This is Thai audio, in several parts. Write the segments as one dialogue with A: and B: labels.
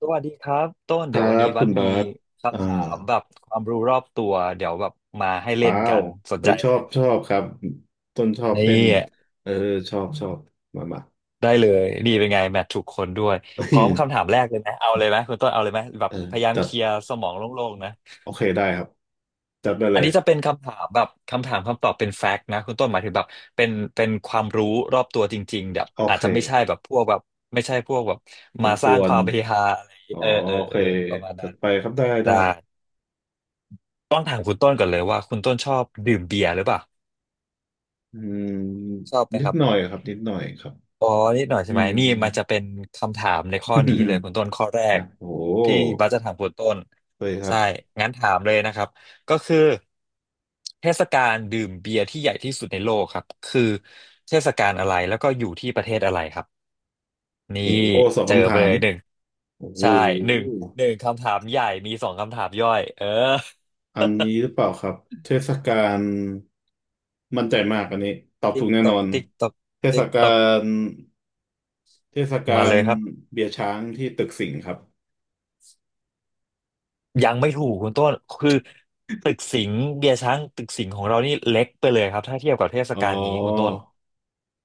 A: สวัสดีครับต้น
B: ค
A: เดี๋
B: รั
A: ยววันนี้
B: บ
A: วั
B: คุ
A: ด
B: ณ
A: มี
B: บาสอ่า
A: คำถามแบบความรู้รอบตัวเดี๋ยวแบบมาให้เล่
B: ว้า
A: นกั
B: ว
A: นสน
B: ไป
A: ใจ
B: ช
A: ไห
B: อ
A: ม
B: บชอบครับต้นชอบเล่
A: นี่
B: นเออชอบมา
A: ได้เลยนี่เป็นไงแมทถูกคนด้วย
B: เอ
A: พร้อม
B: อ
A: คำถามแรกเลยไหมเอาเลยไหมคุณต้นเอาเลยไหมแบ
B: เอ
A: บ
B: อ
A: พยายาม
B: จั
A: เค
B: ด
A: ลียร์สมองโล่งๆนะ
B: โอเคได้ครับจัดไปเล
A: อัน
B: ย
A: นี้จะเป็นคำถามแบบคำถามคำตอบเป็นแฟกต์นะคุณต้นหมายถึงแบบเป็นเป็นความรู้รอบตัวจริงๆแบบ
B: โอ
A: อาจ
B: เค
A: จะไม่ใช่แบบพวกแบบไม่ใช่พวกแบบ
B: กว
A: มา
B: นก
A: สร้าง
B: ว
A: ค
B: น
A: วามเฮฮาอะไรอย่างงี้
B: อ๋อ
A: เออเออ
B: โอ
A: เอ
B: เค
A: อประมาณ
B: จั
A: นั้
B: ด
A: น
B: ไปครับได้
A: ได้ ต้องถามคุณต้นก่อนเลยว่าคุณต้นชอบดื่มเบียร์หรือเปล่า
B: อืม
A: ชอบไหม
B: นิ
A: ค
B: ด
A: รับ
B: หน่อยครับนิดหน่อยครับ
A: อ๋อนิดหน่อยใช่
B: อื
A: ไหม
B: ม
A: นี่มันจะเป็นคำถามในข้อนี้เลยคุณต้นข้อแร ก
B: นะโอ้โห
A: ที่บัสจะถามคุณต้น
B: เลยครับ
A: ใช่งั้นถามเลยนะครับก็คือเทศกาลดื่มเบียร์ที่ใหญ่ที่สุดในโลกครับคือเทศกาลอะไรแล้วก็อยู่ที่ประเทศอะไรครับนี่
B: โอ้โหสอง
A: เจอ
B: คำ
A: ไป
B: ถา
A: เล
B: ม
A: ยหนึ่ง
B: โอ้โ
A: ใช่หนึ่ง
B: ห
A: หนึ่งคำถามใหญ่มีสองคำถามย่อยเออ
B: อันนี้หรือเปล่าครับเทศกาลมั่นใจมากอันนี้ตอบ ถู
A: ติ๊ก
B: กแน่
A: ต
B: น
A: อ
B: อ
A: ก
B: น
A: ติ๊กตอก
B: เทศ
A: ติ๊ก
B: กา
A: ตอก
B: ลเทศ
A: มา
B: กา
A: เล
B: ล
A: ยครับ
B: เบียร์ช้างที่ตึกสิงห์ครับ
A: ยังไม่ถูกคุณต้นคือตึกสิงห์เบียร์ช้างตึกสิงห์ของเรานี่เล็กไปเลยครับถ้าเทียบกับเทศ
B: อ๋อ
A: กาลนี้คุณต้น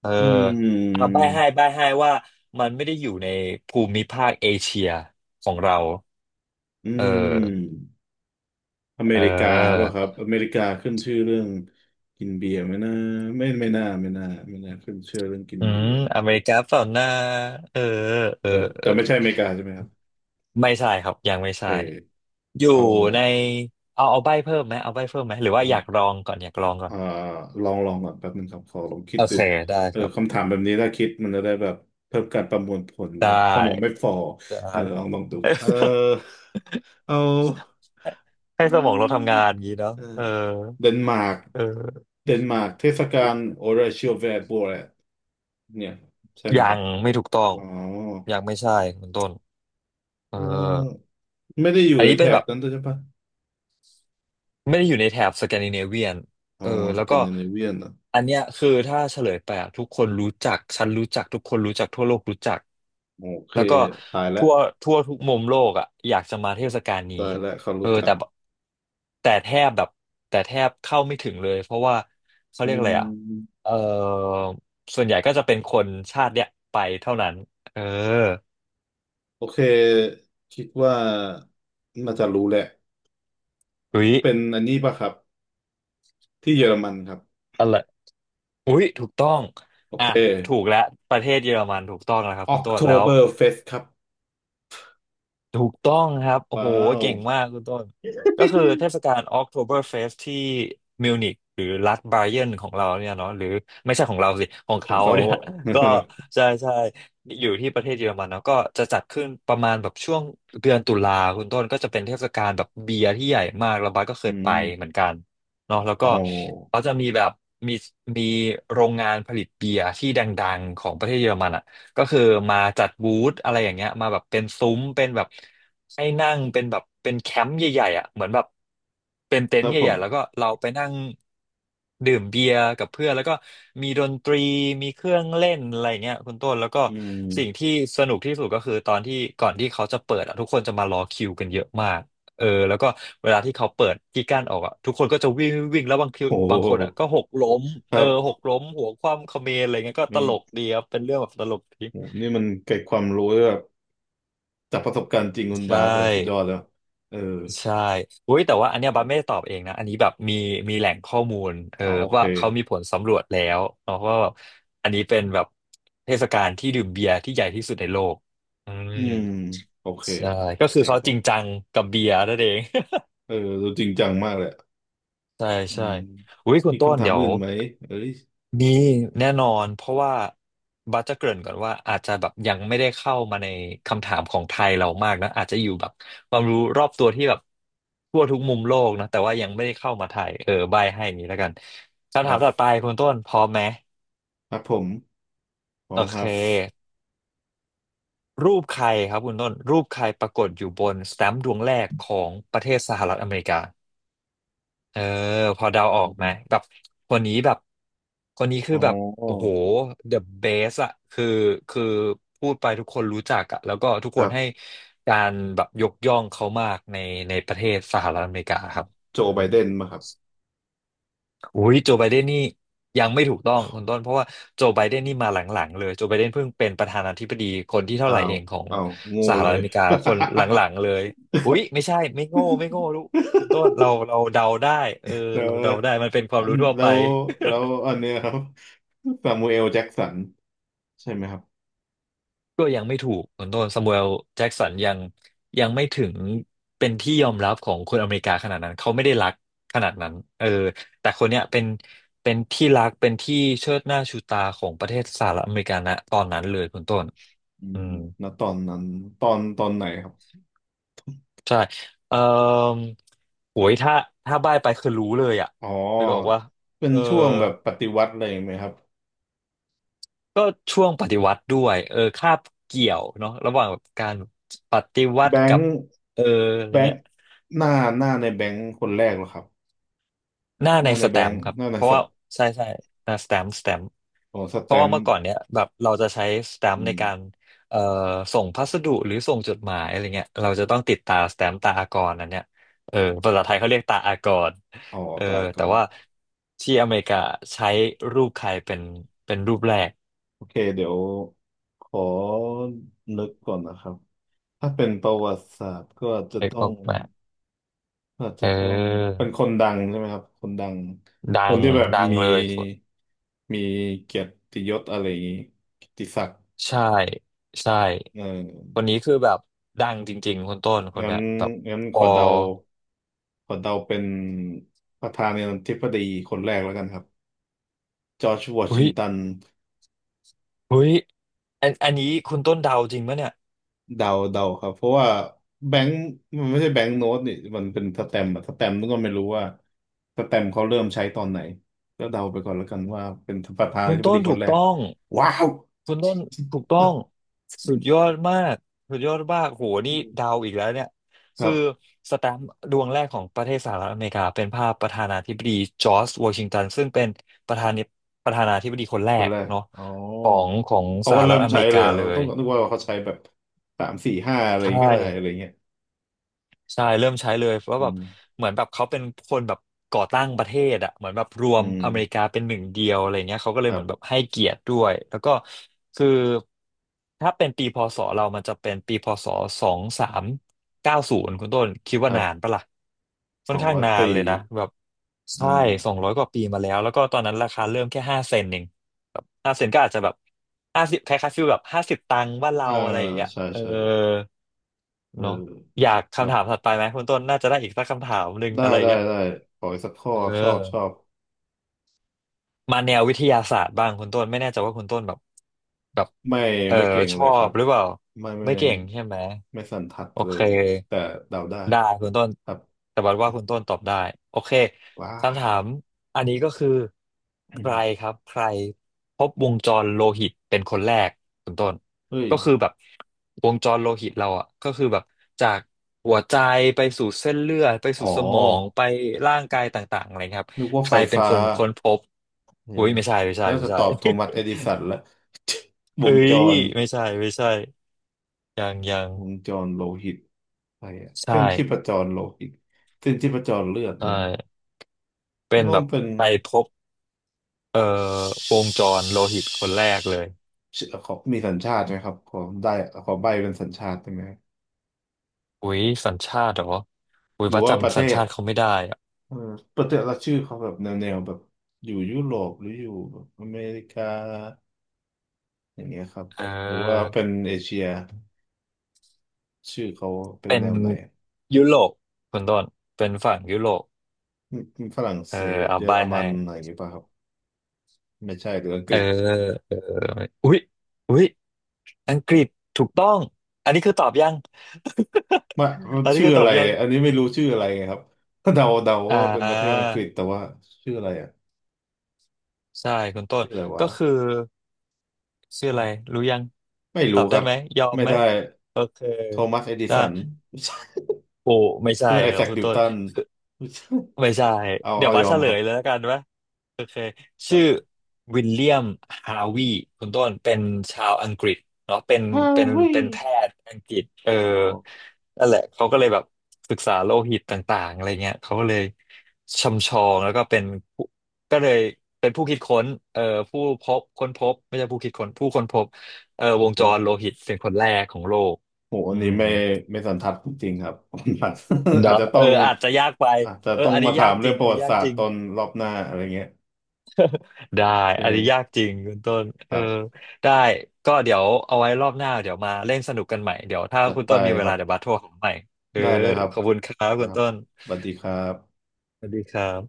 A: เออ
B: อื
A: เอา
B: ม
A: ใบ้ให้ใบ้ให้ว่ามันไม่ได้อยู่ในภูมิภาคเอเชียของเรา
B: อื
A: เออ
B: มอเม
A: เอ
B: ริกาป่ะ
A: อ
B: ครับอเมริกาขึ้นชื่อเรื่องกินเบียร์ไหมนะไม่น่าไม่น่าขึ้นชื่อเรื่องกิน
A: อื
B: เบี
A: ม
B: ยร์
A: อเมริกาเปล่าหนะเออเออ
B: เออ
A: เอ
B: แต่
A: อ
B: ไม่ใช่อเมริกาใช่ไหมครับ
A: ไม่ใช่ครับยังไม่
B: โอเค
A: ใช่อยู่
B: เอา
A: ในเอาเอาใบ้เพิ่มไหมเอาใบ้เพิ่มไหมหรือว่าอยาก
B: เอา
A: ลองก่อนอยากลองก่อน
B: อ่าลองก่อนแป๊บหนึ่งครับขอลองคิ
A: โอ
B: ดดู
A: เคได้
B: เอ
A: ค
B: อ
A: รับ
B: คำถามแบบนี้ถ้าคิดมันจะได้แบบเพิ่มการประมวลผล
A: ได
B: แบบสมองไม่
A: ้
B: ฟอ
A: ได้
B: อ่ะเดี๋ยวลองดูเออ เอา
A: ให้ สมองเราทำงานอย่างนี้เนาะ
B: เออ
A: เออ
B: เดนมาร์ก
A: เออ
B: เทศกาลโอราเชียลแวร์โบแรดเนี่ยใช่ไหม
A: ยั
B: ครับ
A: งไม่ถูกต้อง
B: อ๋อ
A: ยังไม่ใช่คุณต้นเอ
B: เ
A: อ
B: ออไม่ได้อยู่
A: อัน
B: ใน
A: นี้
B: แถ
A: เป็นแบ
B: บ
A: บ
B: นั้นด้วยใช่ปะ
A: ไม่ได้อยู่ในแถบสแกนดิเนเวียน
B: อ๋
A: เอ
B: อ
A: อ
B: ส
A: แล้ว
B: แก
A: ก็
B: นดิเนเวียนเหรอ
A: อันเนี้ยคือถ้าเฉลยไปอะทุกคนรู้จักฉันรู้จักทุกคนรู้จักทั่วโลกรู้จัก
B: โอเค
A: แล้วก็
B: ตายแล้ว
A: ทั่วทั่วทุกมุมโลกอ่ะอยากจะมาเทศกาลนี้
B: ตายแล้วเขา
A: เอ
B: รู้
A: อ
B: จัก
A: แทบแบบแต่แทบเข้าไม่ถึงเลยเพราะว่าเขา
B: อื
A: เรียกอะไรอ่ะ
B: ม
A: เออส่วนใหญ่ก็จะเป็นคนชาติเนี้ยไปเท่านั้นเออ
B: โอเคคิดว่าน่าจะรู้แหละ
A: อุ๊ย
B: เป็นอันนี้ป่ะครับที่เยอรมันครับ
A: อะไรอุ๊ยถูกต้อง
B: โอ
A: อ่ะ
B: เค
A: ถูกแล้วประเทศเยอรมันถูกต้องแล้วครับคุณต้นแล้ว
B: October Fest ครับ
A: ถูกต้องครับโอ้โห
B: ว้าว
A: เก่งมากคุณต้นก็คือเทศกาล Oktoberfest ที่มิวนิกหรือรัฐไบเยนของเราเนี่ยเนาะหรือไม่ใช่ของเราสิของ
B: ของ
A: เขา
B: เขา
A: เนี่ย
B: อะ
A: ก็ใช่ใช่อยู่ที่ประเทศเยอรมันเนาะก็จะจัดขึ้นประมาณแบบช่วงเดือนตุลาคุณต้นก็จะเป็นเทศกาลแบบเบียร์ที่ใหญ่มากแล้วบัสก็เค
B: อื
A: ยไป
B: ม
A: เหมือนกันเนาะแล้ว
B: อ๋
A: ก็
B: อ
A: เขาจะมีแบบมีมีโรงงานผลิตเบียร์ที่ดังๆของประเทศเยอรมันอะ ก็คือมาจัดบูธอะไรอย่างเงี้ยมาแบบเป็นซุ้มเป็นแบบให้นั่งเป็นแบบเป็นแคมป์ใหญ่ๆอ่ะเหมือนแบบเป็น
B: ค
A: เต็น
B: รั
A: ท์
B: บ
A: ให
B: ผ
A: ญ่
B: ม
A: ๆแล้วก็เราไปนั่งดื่มเบียร์กับเพื่อนแล้วก็มีดนตรีมีเครื่องเล่นอะไรอย่างเงี้ยคุณต้นแล้วก็
B: อืม
A: สิ่งที่สนุกที่สุดก็คือตอนที่ก่อนที่เขาจะเปิดอ่ะทุกคนจะมารอคิวกันเยอะมาก เออแล้วก็เวลาที่เขาเปิดที่กั้นออกอ่ะทุกคนก็จะวิ่งวิ่งวิ่งแล้วบางที
B: โ
A: บางคนอ่ะ
B: ห
A: ก็หกล้ม
B: ค
A: เออ
B: รั
A: ห
B: บ
A: กล้มหัวคว่ำเขมรอะไรเงี้ยก็ตลก
B: ม
A: ดีครับเป็นเรื่องแบบตลกดี
B: โหนี่มันเกิดความรู้แบบจากประสบการณ์จริงคุณ
A: ใช่
B: บาสเลยสุดยอดแล้วเออ
A: ใช่อุ้ยแต่ว่าอันเนี้ย
B: เดี๋ย
A: บั
B: ว
A: สไม่ได้ตอบเองนะอันนี้แบบมีแหล่งข้อมูลเออ
B: อ๋อโอเค
A: ว่าเขามีผลสำรวจแล้วเนาะว่าแบบอันนี้เป็นแบบเทศกาลที่ดื่มเบียร์ที่ใหญ่ที่สุดในโลกอื
B: อื
A: ม
B: มโอเค
A: ใช่ก็คือ
B: เจ๋ง
A: เขา
B: ค
A: จ
B: รับ
A: ริงจังกับเบียร์นั่นเอง
B: เออดูจริงจังมากเลย
A: ใช่
B: อื
A: ใช่
B: ม
A: อุ้ยคุณ
B: มี
A: ต้น
B: คำถาม
A: เดี๋ยว
B: อื่นไหมเอ้ย
A: มีแน่นอนเพราะว่าบัสจะเกริ่นก่อนว่าอาจจะแบบยังไม่ได้เข้ามาในคำถามของไทยเรามากนะอาจจะอยู่แบบความรู้รอบตัวที่แบบทั่วทุกมุมโลกนะแต่ว่ายังไม่ได้เข้ามาไทยเออใบให้นี้แล้วกัน
B: ค
A: คำถา
B: รั
A: มต่อไป
B: บ
A: คุณต้นพร้อมไหม
B: ครับผมผ
A: โอ
B: มค
A: เค
B: รับ
A: รูปใครครับคุณต้นรูปใครปรากฏอยู่บนสแตมป์ดวงแรกของประเทศสหรัฐอเมริกา เออพอเดา
B: อื
A: ออกไหม
B: ม
A: แบบคนนี้แบบคนนี้คือ
B: อ๋
A: แบบโอ้โห
B: อ
A: the best อะคือพูดไปทุกคนรู้จักอะแล้วก็ทุก
B: ค
A: ค
B: รั
A: นให้
B: บ
A: การแบบยกย่องเขามากในประเทศสหรัฐอเมริกาครับ
B: โจ
A: อืม
B: ไบเดนมาครับ
A: อุ้ยโจไบเดนนี่ยังไม่ถูกต้องคุณต้นเพราะว่าโจไบเดนนี่มาหลังๆเลยโจไบเดนเพิ่งเป็นประธานาธิบดีคนที่เท่า
B: อ้า
A: ไหร่
B: ว
A: เองของ
B: อ้าวโง่
A: สห
B: เล
A: รัฐ
B: ย
A: อเมริกาคนหลังๆเลยอุ้ยไม่ใช่ไม่โง่ไม่โง่ลูกคุณต้นเราเดาได้เออ
B: แล้ว
A: เราเดาได้มันเป็นควา
B: อั
A: ม
B: น
A: รู้ทั่ว
B: แล้
A: ไป
B: วแล้วอันเนี้ยครับซามูเอลแจ็กสันใช่ไหมครับ
A: ก็ยังไม่ถูกคุณต้นซามูเอลแจ็กสันยังไม่ถึงเป็นที่ยอมรับของคนอเมริกาขนาดนั้นเขาไม่ได้รักขนาดนั้นเออแต่คนเนี้ยเป็นที่รักเป็นที่เชิดหน้าชูตาของประเทศสหรัฐอเมริกาณตอนนั้นเลยคุณต้น
B: อื
A: อื
B: ม
A: ม
B: ณตอนนั้นตอนไหนครับ
A: ใช่เอ่อโหยถ้าถ้าบ้ายไปคือรู้เลยอ่ะ
B: อ๋อ
A: ไม่บอกว่า
B: เป็น
A: เออ
B: ช่วงแบบปฏิวัติอะไรไหมครับ
A: ก็ช่วงปฏิวัติด้วยเออคาบเกี่ยวเนาะระหว่างการปฏิวั
B: แบ
A: ติ
B: ง
A: กับ
B: ค์
A: เอออะไร
B: แบง
A: เงี้ย
B: ค์หน้าหน้าในแบงค์คนแรกเหรอครับ
A: หน้า
B: ห
A: ใน
B: น้าใน
A: ส
B: แบ
A: แต
B: ง
A: ม
B: ค์
A: ป์ครับ
B: หน้าใน
A: เพราะ
B: สั
A: ว่าใช่ใช่หน้าสแตมป์สแตมป์
B: ของส
A: เพ
B: แต
A: ราะว่า
B: ม
A: เมื่
B: ป์
A: อก่อนเนี้ยแบบเราจะใช้สแตม
B: อื
A: ป์ใน
B: ม
A: การเอ่อส่งพัสดุหรือส่งจดหมายอะไรเงี้ยเราจะต้องติดตาสแตมป์ตาอากรอันเนี้ยเออภาษาไทยเขาเรียกตาอากร
B: อ๋อ
A: เออ
B: ตายก่
A: แต่
B: อน
A: ว่าที่อเมริกาใช้รูปใครเป็นเป็นรูปแรก
B: โอเคเดี๋ยวขอนึกก่อนนะครับถ้าเป็นประวัติศาสตร์ก็อาจจะ
A: เอก
B: ต้
A: อ
B: อ
A: อ
B: ง
A: กไหมา
B: ก็อาจ
A: เ
B: จะต้อง
A: ออ
B: เป็นคนดังใช่ไหมครับคนดังค
A: ดั
B: น
A: ง
B: ที่แบบ
A: ดัง
B: มี
A: เลยคน
B: มีเกียรติยศอะไรอย่างนี้เกียรติศักดิ์
A: ใช่ใช่
B: เออ
A: คนนี้คือแบบดังจริงๆคนต้นคน
B: งั้น
A: เนี้ยแบบ
B: งั้น
A: พ
B: ข
A: อ
B: อเดาขอเดาเป็นประธานาธิบดีคนแรกแล้วกันครับจอร์จวอ
A: อุ๊
B: ชิง
A: ย
B: ตัน
A: เฮ้ยอันนี้คุณต้นเดาจริงปะเนี่ย
B: เดาครับเพราะว่าแบงค์มันไม่ใช่แบงค์โน้ตนี่มันเป็นสแตมป์อะสแตมป์นี่ก็ไม่รู้ว่าสแตมป์เขาเริ่มใช้ตอนไหนก็เดาไปก่อนแล้วกันว่าเป็นประธานา
A: คุณ
B: ธิบ
A: ต้
B: ดี
A: น
B: ค
A: ถู
B: น
A: ก
B: แรก
A: ต้อง
B: ว้าว
A: คุณต้นถูกต้องสุดยอดมากสุดยอดมากโหนี่
B: อืม
A: เดาวอีกแล้วเนี่ย
B: ค
A: คื
B: รั
A: อ
B: บ
A: สแตมป์ดวงแรกของประเทศสหรัฐอเมริกาเป็นภาพประธานาธิบดีจอร์จวอชิงตันซึ่งเป็นประธานิประธานาธิบดีคนแร
B: คน
A: ก
B: แรก
A: เนาะ
B: อ๋อ
A: ของ
B: เขา
A: ส
B: ก็
A: หรั
B: เริ่
A: ฐ
B: ม
A: อเม
B: ใช้
A: ริ
B: เล
A: กา
B: ยเหรอ
A: เล
B: ต้อ
A: ย
B: งนึกว่าเขาใช้แบบสามสี่ห้าอะไร
A: ใช่
B: ก็ได้อะไรเงี้ย
A: ใช่เริ่มใช้เลยเพราะ
B: อื
A: แบบ
B: ม
A: เหมือนแบบเขาเป็นคนแบบก่อตั้งประเทศอ่ะเหมือนแบบรว
B: อื
A: ม
B: ม
A: อเมริกาเป็นหนึ่งเดียวอะไรเงี้ยเขาก็เล
B: ค
A: ย
B: รั
A: เหมือนแบบ
B: บ
A: ให้เกียรติด้วยแล้วก็คือถ้าเป็นปีพศเรามันจะเป็นปีพศ2390คุณต้นคิด
B: ค
A: ว่า
B: รั
A: นาน
B: บ
A: ปะล่ะค่
B: ส
A: อน
B: อง
A: ข้าง
B: ร้อย
A: นาน
B: ปี
A: เลยนะแบบ
B: อื
A: ใช่
B: ม
A: 200กว่าปีมาแล้วแล้วก็ตอนนั้นราคาเริ่มแค่ห้าเซนเองแบบห้าเซนก็อาจจะแบบห้าสิบคล้ายๆฟีลแบบ50 ตังค์บ้านเรา
B: อ่า
A: อะไรอย่างเงี้ย
B: ใช่
A: เออ
B: ใช่เออ
A: เนาะอยาก
B: ครั
A: คำ
B: บ
A: ถามถัดไปไหมคุณต้นน่าจะได้อีกสักคำถามหนึ่ง
B: ได้
A: อะไร
B: ได้
A: เงี้ย
B: ได้ขออีกสักข้อ
A: เอ
B: ครับชอบชอ
A: อ
B: บ
A: มาแนววิทยาศาสตร์บ้างคุณต้นไม่แน่ใจว่าคุณต้นแบบแบบ
B: ไม่
A: เออ
B: ไม่เก่ง
A: ช
B: เล
A: อ
B: ยครั
A: บ
B: บ
A: หรือเปล่า
B: ไม่
A: ไม่เก่งใช่ไหม
B: ไม่สันทัด
A: โอ
B: เล
A: เค
B: ยแต่เดาได้
A: ได้คุณต้น
B: ครับ
A: แต่บัดว่าคุณต้นตอบได้โอเค
B: ว้า
A: คำถามอันนี้ก็คือใค
B: อื
A: ร
B: ม
A: ครับใครพบวงจรโลหิตเป็นคนแรกคุณต้น
B: เฮ้ย
A: ก็คือแบบวงจรโลหิตเราอ่ะก็คือแบบจากหัวใจไปสู่เส้นเลือดไป
B: อ๋อ
A: สู่สมองไปร่างกายต่างๆอะไรครับ
B: นึกว่า
A: ใค
B: ไฟ
A: รเป็น
B: ฟ้า
A: คนค้นพบ
B: เออ
A: อุ้ยไม่ใช่ไม่ใช่
B: แล้ว
A: ไม่
B: จะ
A: ใช่
B: ตอบโทมัสเอดิสันละ ว
A: เอ้
B: งจ
A: ย
B: ร
A: ไม่ใช่ไม่ใช่ยังยัง
B: วงจรโลหิตอะไรอะ
A: ใช่
B: เส้นชีพจรโลหิตเส้นชีพจรเลือด
A: ใช่
B: นี่
A: เป็
B: มัน
A: น
B: ต้
A: แบ
B: อง
A: บ
B: เป็น
A: ไปพบ เอ่อวงจรโลหิตคนแรกเลย
B: ชื่อขอมีสัญชาติไหมครับขอได้ขอใบเป็นสัญชาติได้ไหม
A: อุ้ยสัญชาติเหรออุ้ย
B: หรือ
A: ว่า
B: ว่าประ
A: จำ
B: เท
A: สัญ
B: ศ
A: ชาติเขาไม่ได้อะ
B: เออประเทศละชื่อเขาแบบแนวแบบอยู่ยุโรปหรืออยู่แบบอเมริกาอย่างเงี้ยครับ
A: เอ
B: หรือว่า
A: อ
B: เป็นเอเชียชื่อเขาเป็น
A: เป็
B: แน
A: น
B: วไหน
A: ยุโรปคุณต้นเป็นฝั่งยุโรป
B: อืมฝรั่ง
A: เออ
B: เศส
A: เอา
B: เยอ
A: ใบ
B: รมั
A: ให้
B: นอะไรอย่างเงี้ยป่ะครับไม่ใช่หรืออังก
A: เออ
B: ฤษ
A: เอออุ๊ยอุ๊ยอังกฤษถูกต้องอันนี้คือตอบยัง
B: มา
A: อันนี้
B: ชื่อ
A: คือต
B: อะ
A: อ
B: ไร
A: บยัง
B: อันนี้ไม่รู้ชื่ออะไรไงครับก็เดา
A: อ่
B: ว่าเป็นประเทศอั
A: า
B: งกฤษแต่ว่าชื่ออะไรอ่ะ
A: ใช่คุณต้น
B: ชื่ออะไรวะ
A: ก็คือชื่ออะไรรู้ยัง
B: ไม่
A: ต
B: รู้
A: อบ
B: ค
A: ได้
B: รับ
A: ไหมยอม
B: ไม่
A: ไหม
B: ได้
A: โอเค
B: โทมัสเอดิ
A: ได้
B: สัน
A: โอ้ไม่ ใช่
B: ซึ่งเซอร์ไอ
A: ครั
B: แซ
A: บ
B: ค
A: คุณ
B: นิว
A: ต้น
B: ตัน
A: คือไม่ใช่
B: เอา
A: เดี๋ย
B: เอา
A: วว่า
B: ยอ
A: เฉ
B: ม
A: ล
B: ครับ
A: ยเลยแล้วกันวะโอเค
B: แต่
A: ชื่อวิลเลียมฮาวีคุณต้นเป็นชาวอังกฤษเนาะเป็น
B: ฮา
A: เป็น
B: วิ
A: เป็นแพทย์อังกฤษเออ
B: อ๋อ
A: นั่นแหละเขาก็เลยแบบศึกษาโลหิตต่างๆอะไรเงี้ยเขาก็เลยชำชองแล้วก็เป็นผู้ก็เลยเป็นผู้คิดค้นผู้พบค้นพบไม่ใช่ผู้คิดค้นผู้ค้นพบวงจ
B: โอ้
A: รโลหิตเป็นคนแรกของโลก
B: โหอั
A: อื
B: นนี้
A: ม
B: ไม่ไม่สันทัดจริงๆครับ อาจ
A: เนาะ
B: จะต้
A: เอ
B: อง
A: ออาจจะยากไป
B: อาจจะ
A: เอ
B: ต้
A: อ
B: อง
A: อัน
B: มา
A: นี้
B: ถา
A: ยาก
B: ม
A: จ
B: เรื่
A: ริ
B: อง
A: ง
B: ป
A: อัน
B: ระวั
A: นี้
B: ติ
A: ยา
B: ศา
A: ก
B: สต
A: จริ
B: ร์
A: ง
B: ตอนรอบหน้าอะไรเงี้ย
A: ได้
B: โอเ
A: อันนี้ยาก
B: ค
A: จริงคุณต้น
B: ค
A: เออ
B: รับ
A: ได้ก็เดี๋ยวเอาไว้รอบหน้าเดี๋ยวมาเล่นสนุกกันใหม่เดี๋ยวถ้า
B: จัด
A: คุณ
B: ไป
A: ต้นมีเว
B: ครั
A: ลา
B: บ
A: เดี๋ยวบัสโทรหาใหม่เออ
B: ได้เลยครับ
A: ขอบคุณครับ
B: ค
A: คุ
B: รั
A: ณ
B: บ
A: ต้น
B: สวัสดีครับ
A: สวัสดีครับ